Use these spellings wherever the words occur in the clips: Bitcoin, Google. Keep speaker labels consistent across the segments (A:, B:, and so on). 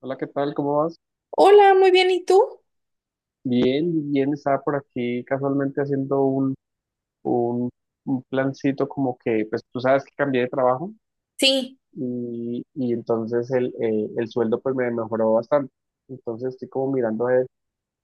A: Hola, ¿qué tal? ¿Cómo vas?
B: Hola, muy bien, ¿y tú?
A: Bien, bien, estaba por aquí casualmente haciendo un, un plancito como que, pues tú sabes que cambié de trabajo
B: Sí,
A: y entonces el sueldo pues me mejoró bastante. Entonces estoy como mirando a ver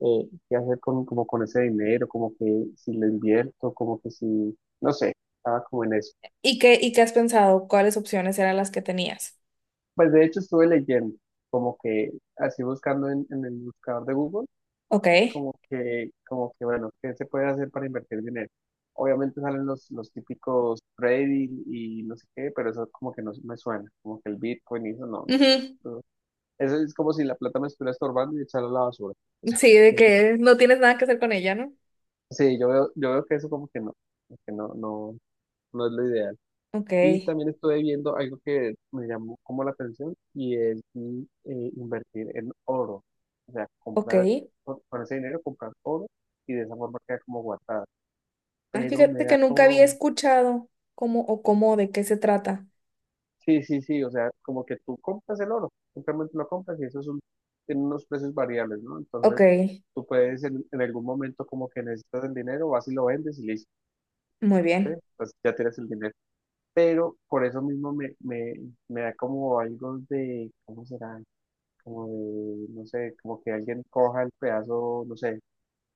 A: qué hacer con, como con ese dinero, como que si lo invierto, como que si, no sé, estaba como en eso.
B: ¿y qué has pensado? ¿Cuáles opciones eran las que tenías?
A: Pues de hecho estuve leyendo, como que así buscando en el buscador de Google
B: Ok.
A: como que, bueno, ¿qué se puede hacer para invertir dinero? Obviamente salen los típicos trading y no sé qué, pero eso como que no me suena, como que el Bitcoin y eso no,
B: Ujú.
A: no. No. Eso es como si la plata me estuviera estorbando y echarla a la basura.
B: Sí, de
A: Ujú.
B: que no tienes nada que hacer con ella, ¿no?
A: Sí, yo veo que eso como que no, no es lo ideal.
B: Ok,
A: Y también estuve viendo algo que me llamó como la atención y es invertir en oro. O sea,
B: ok.
A: comprar, con ese dinero comprar oro y de esa forma queda como guardado.
B: Ah,
A: Pero me
B: fíjate
A: da
B: que nunca había
A: como,
B: escuchado cómo o cómo de qué se trata.
A: sí, sí, sí, o sea, como que tú compras el oro, simplemente lo compras y eso es un, tiene unos precios variables, ¿no?
B: Ok,
A: Entonces, tú puedes en algún momento como que necesitas el dinero, vas y lo vendes y listo,
B: muy
A: ¿eh?
B: bien.
A: Pues ya tienes el dinero. Pero por eso mismo me da como algo de, ¿cómo será? Como de, no sé, como que alguien coja el pedazo, no sé,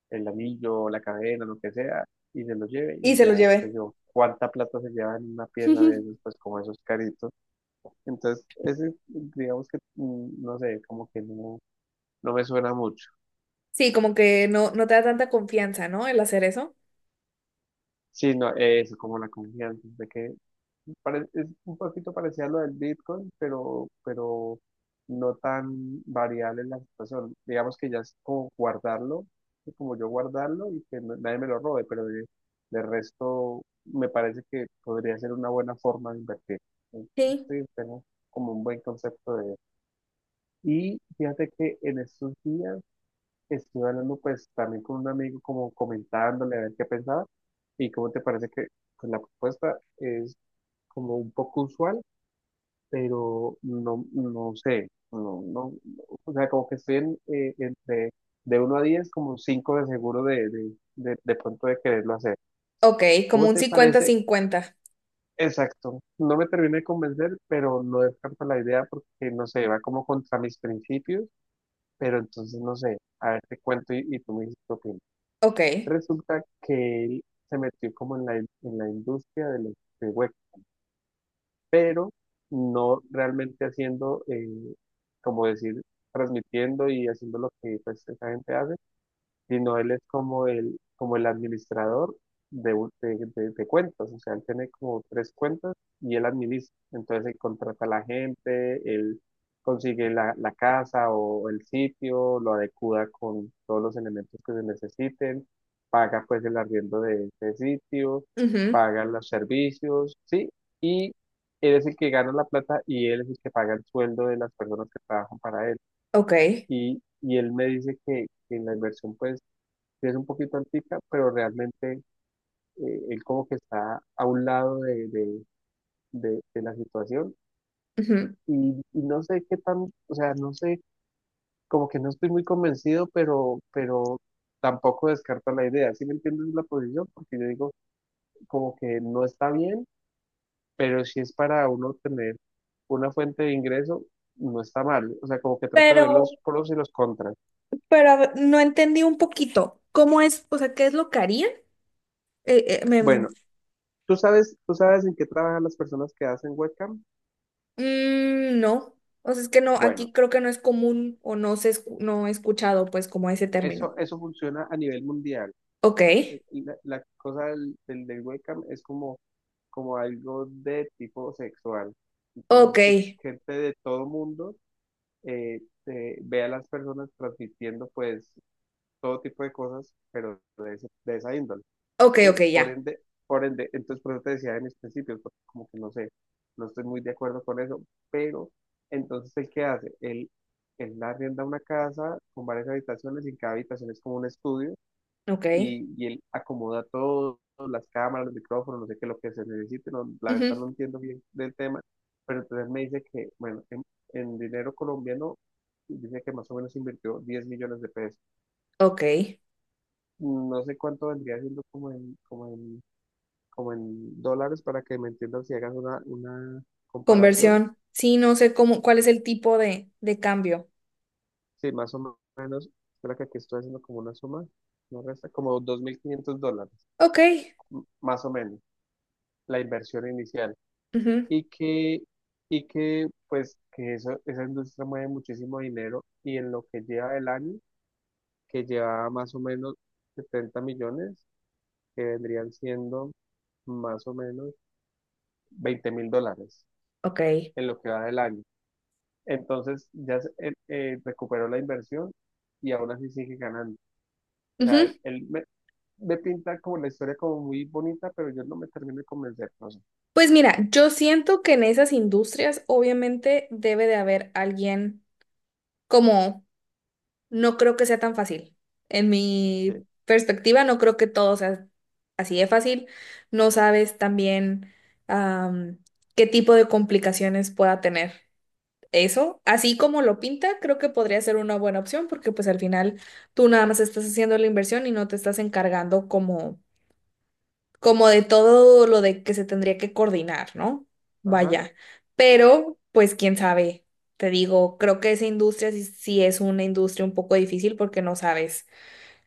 A: el anillo, la cadena, lo que sea, y se lo lleve
B: Y
A: y
B: se
A: ya
B: lo
A: sé
B: llevé.
A: yo cuánta plata se lleva en una pieza de esas, pues como esos caritos. Entonces, ese, digamos que, no sé, como que no, me suena mucho.
B: Sí, como que no te da tanta confianza, ¿no? El hacer eso.
A: Sí, no, eso, como la confianza, de que es un poquito parecido a lo del Bitcoin, pero no tan variable en la situación. Digamos que ya es como guardarlo, es como yo guardarlo y que nadie me lo robe, pero de resto me parece que podría ser una buena forma de invertir.
B: Sí.
A: Sí, tengo como un buen concepto de. Y fíjate que en estos días estuve hablando pues también con un amigo como comentándole a ver qué pensaba y cómo te parece que pues, la propuesta es como un poco usual, pero no, no sé, no, no, o sea, como que estoy entre de 1 a 10 como 5 de seguro de pronto de quererlo hacer.
B: Ok, como
A: ¿Cómo
B: un
A: te parece?
B: cincuenta-cincuenta.
A: Exacto, no me terminé de convencer, pero no descarto la idea porque no sé, va como contra mis principios, pero entonces no sé, a ver te cuento y tú me dices qué opinas.
B: Ok,
A: Resulta que él se metió como en la, en la industria del los de web, pero no realmente haciendo, como decir, transmitiendo y haciendo lo que pues, esa gente hace, sino él es como el, administrador de, un- de cuentas, o sea, él tiene como tres cuentas y él administra, entonces él contrata a la gente, él consigue la casa o el sitio, lo adecua con todos los elementos que se necesiten, paga pues el arriendo de ese sitio,
B: ujú.
A: paga los servicios, ¿sí? Y él es el que gana la plata y él es el que paga el sueldo de las personas que trabajan para él.
B: Ok,
A: Y él me dice que la inversión, pues, sí es un poquito antica, pero realmente él como que está a un lado de, de la situación
B: ujú.
A: y no sé qué tan, o sea, no sé, como que no estoy muy convencido, pero tampoco descarto la idea, ¿sí me entiendes la posición? Porque yo digo como que no está bien, pero si es para uno tener una fuente de ingreso, no está mal, o sea, como que trato de ver
B: Pero,
A: los pros y los contras.
B: Pero a ver, no entendí un poquito. ¿Cómo es? O sea, ¿qué es lo que harían? Eh, eh, me-
A: Bueno, ¿tú sabes en qué trabajan las personas que hacen webcam?
B: no. O sea, es que no, aquí
A: Bueno.
B: creo que no es común o no he escuchado pues como ese término.
A: Eso funciona a nivel mundial.
B: Ok,
A: Eh, la cosa del webcam es como algo de tipo sexual.
B: ok,
A: Entonces, que gente de todo mundo eh, ve a las personas transmitiendo pues todo tipo de cosas, pero de, de esa índole,
B: ok,
A: ¿sí?
B: ok, ya.
A: Por ende, entonces por eso te decía en mis principios, porque como que no sé, no estoy muy de acuerdo con eso, pero entonces, ¿el qué hace? Él arrienda una casa con varias habitaciones y en cada habitación es como un estudio
B: Ok,
A: y él acomoda todo, las cámaras, los micrófonos, no sé qué, lo que se necesite, no, la verdad
B: ujú.
A: no entiendo bien del tema, pero entonces me dice que, bueno, en, dinero colombiano, dice que más o menos invirtió 10 millones de pesos.
B: Ok.
A: No sé cuánto vendría siendo como en dólares para que me entiendan si hagas una comparación.
B: Conversión. Sí, no sé cómo, cuál es el tipo de cambio.
A: Sí, más o menos, espera que aquí estoy haciendo como una suma, no resta, como 2500 dólares,
B: Ok,
A: más o menos, la inversión inicial.
B: ujú.
A: y que, y que pues que eso, esa industria mueve muchísimo dinero y en lo que lleva del año, que lleva más o menos 70 millones, que vendrían siendo más o menos 20.000 dólares
B: Ok,
A: en lo que va del año. Entonces ya recuperó la inversión y aún así sigue ganando. O sea,
B: ujú.
A: él me pinta como la historia como muy bonita, pero yo no me termino de convencer, no sé.
B: Pues mira, yo siento que en esas industrias obviamente debe de haber alguien como No creo que sea tan fácil. En
A: Sí.
B: mi perspectiva, no creo que todo sea así de fácil. No sabes también am, qué tipo de complicaciones pueda tener eso. Así como lo pinta, creo que podría ser una buena opción porque pues al final tú nada más estás haciendo la inversión y no te estás encargando como de todo lo de que se tendría que coordinar, ¿no?
A: Ajá.
B: Vaya, pero pues quién sabe, te digo, creo que esa industria sí es una industria un poco difícil porque no sabes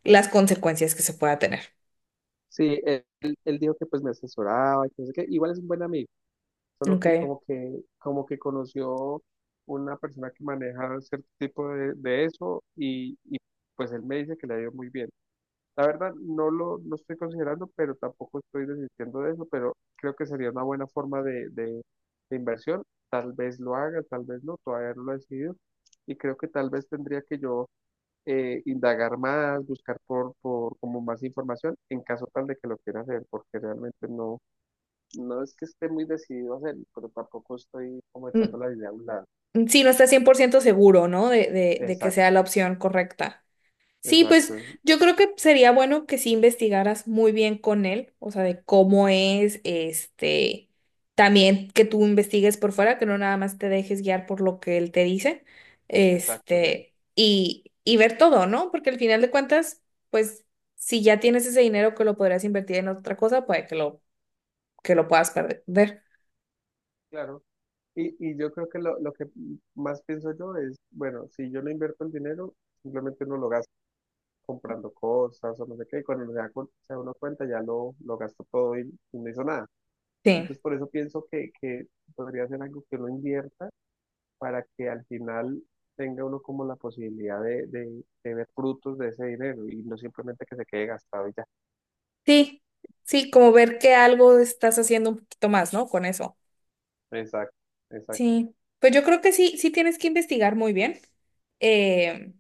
B: las consecuencias que se pueda tener.
A: Sí, él dijo que pues me asesoraba y que no sé qué. Igual es un buen amigo. Solo que
B: Ok.
A: como que, como que conoció una persona que maneja cierto tipo de eso y pues él me dice que le ha ido muy bien. La verdad no lo, no estoy considerando, pero tampoco estoy desistiendo de eso, pero creo que sería una buena forma de inversión. Tal vez lo haga, tal vez no, todavía no lo he decidido. Y creo que tal vez tendría que yo indagar más, buscar por como más información en caso tal de que lo quiera hacer, porque realmente no, no es que esté muy decidido a hacerlo, pero tampoco estoy como
B: Mm,
A: echando la idea a un lado.
B: mm, sí, no estás 100% seguro, ¿no? De que
A: Exacto,
B: sea la opción correcta. Sí, pues
A: exacto,
B: yo creo que sería bueno que sí investigaras muy bien con él, o sea, de cómo es, este, también que tú investigues por fuera, que no nada más te dejes guiar por lo que él te dice,
A: exacto, sí,
B: este, y ver todo, ¿no? Porque al final de cuentas, pues si ya tienes ese dinero que lo podrías invertir en otra cosa, puede que lo puedas perder.
A: claro. Y yo creo que lo, que más pienso yo es, bueno, si yo no invierto el dinero, simplemente uno lo gasta comprando cosas o no sé qué, y cuando se da, se da uno cuenta ya lo gastó todo y no hizo nada.
B: Sí,
A: Entonces por eso pienso que podría ser algo que uno invierta para que al final tenga uno como la posibilidad de ver frutos de ese dinero y no simplemente que se quede gastado y ya.
B: sí, sí, como ver que algo estás haciendo un poquito más, ¿no? Con eso.
A: Exacto, exacto,
B: Sí, pues yo creo que sí tienes que investigar muy bien. Eh,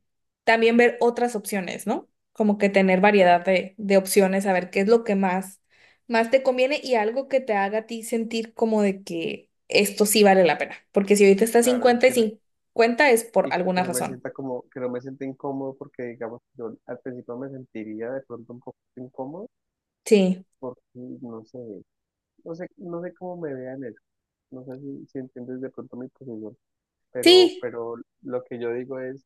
B: También ver otras opciones, ¿no? Como que tener
A: claro,
B: variedad de opciones, a ver qué es lo que más te conviene y algo que te haga a ti sentir como de que esto sí vale la pena. Porque si ahorita está
A: claro,
B: 50 y 50 es por
A: y que
B: alguna
A: no me
B: razón.
A: sienta como, que no me sienta incómodo porque digamos, yo al principio me sentiría de pronto un poco incómodo
B: Sí,
A: porque no sé cómo me vean eso, no sé si entiendes de pronto mi posición, pero,
B: sí,
A: pero lo que yo digo es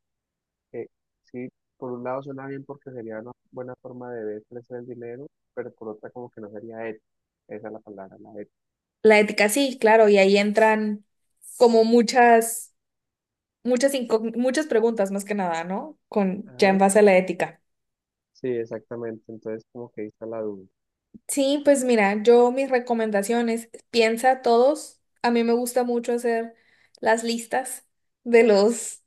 A: que sí, por un lado suena bien porque sería una buena forma de ver crecer el dinero, pero por otra como que no sería ético, esa es la palabra, la ética.
B: la ética sí, claro, y ahí entran como muchas preguntas más que nada, ¿no? Con ya en
A: Ajá,
B: base a la ética.
A: sí, exactamente, entonces como que ahí está la duda,
B: Sí, pues mira, yo mis recomendaciones, piensa todos, a mí me gusta mucho hacer las listas de los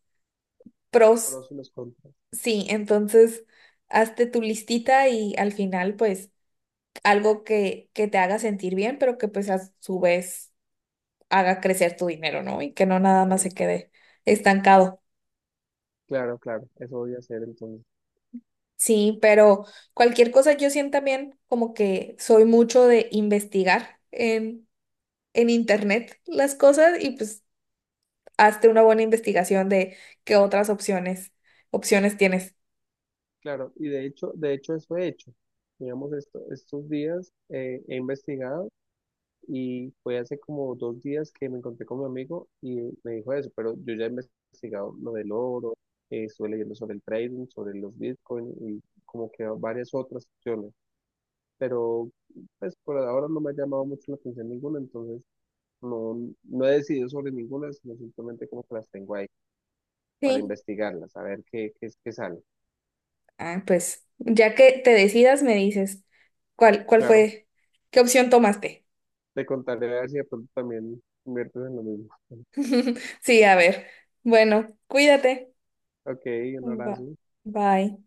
B: pros,
A: pros y los contras,
B: sí, entonces hazte tu listita y al final pues algo que te haga sentir bien, pero que pues a su vez haga crecer tu dinero, ¿no? Y que no nada más se
A: claro.
B: quede estancado.
A: Claro, claro, eso voy a hacer entonces.
B: Sí, pero cualquier cosa yo siento también como que soy mucho de investigar en internet las cosas y pues hazte una buena investigación de qué otras opciones tienes.
A: Claro, y de hecho eso he hecho. Digamos, estos días he investigado y fue hace como 2 días que me encontré con mi amigo y me dijo eso, pero yo ya he investigado lo del oro, estuve leyendo sobre el trading, sobre los bitcoins y como que varias otras opciones, pero pues por ahora no me ha llamado mucho la atención ninguna, entonces no, no he decidido sobre ninguna, sino simplemente como que las tengo ahí para
B: Sí.
A: investigarlas, a ver qué sale.
B: Ah, pues ya que te decidas, me dices cuál
A: Claro.
B: fue, qué opción tomaste.
A: Te contaré a ver si de pronto también inviertes en lo mismo.
B: Sí, a ver. Bueno, cuídate.
A: Ok, un
B: Ba-
A: abrazo.
B: Bye.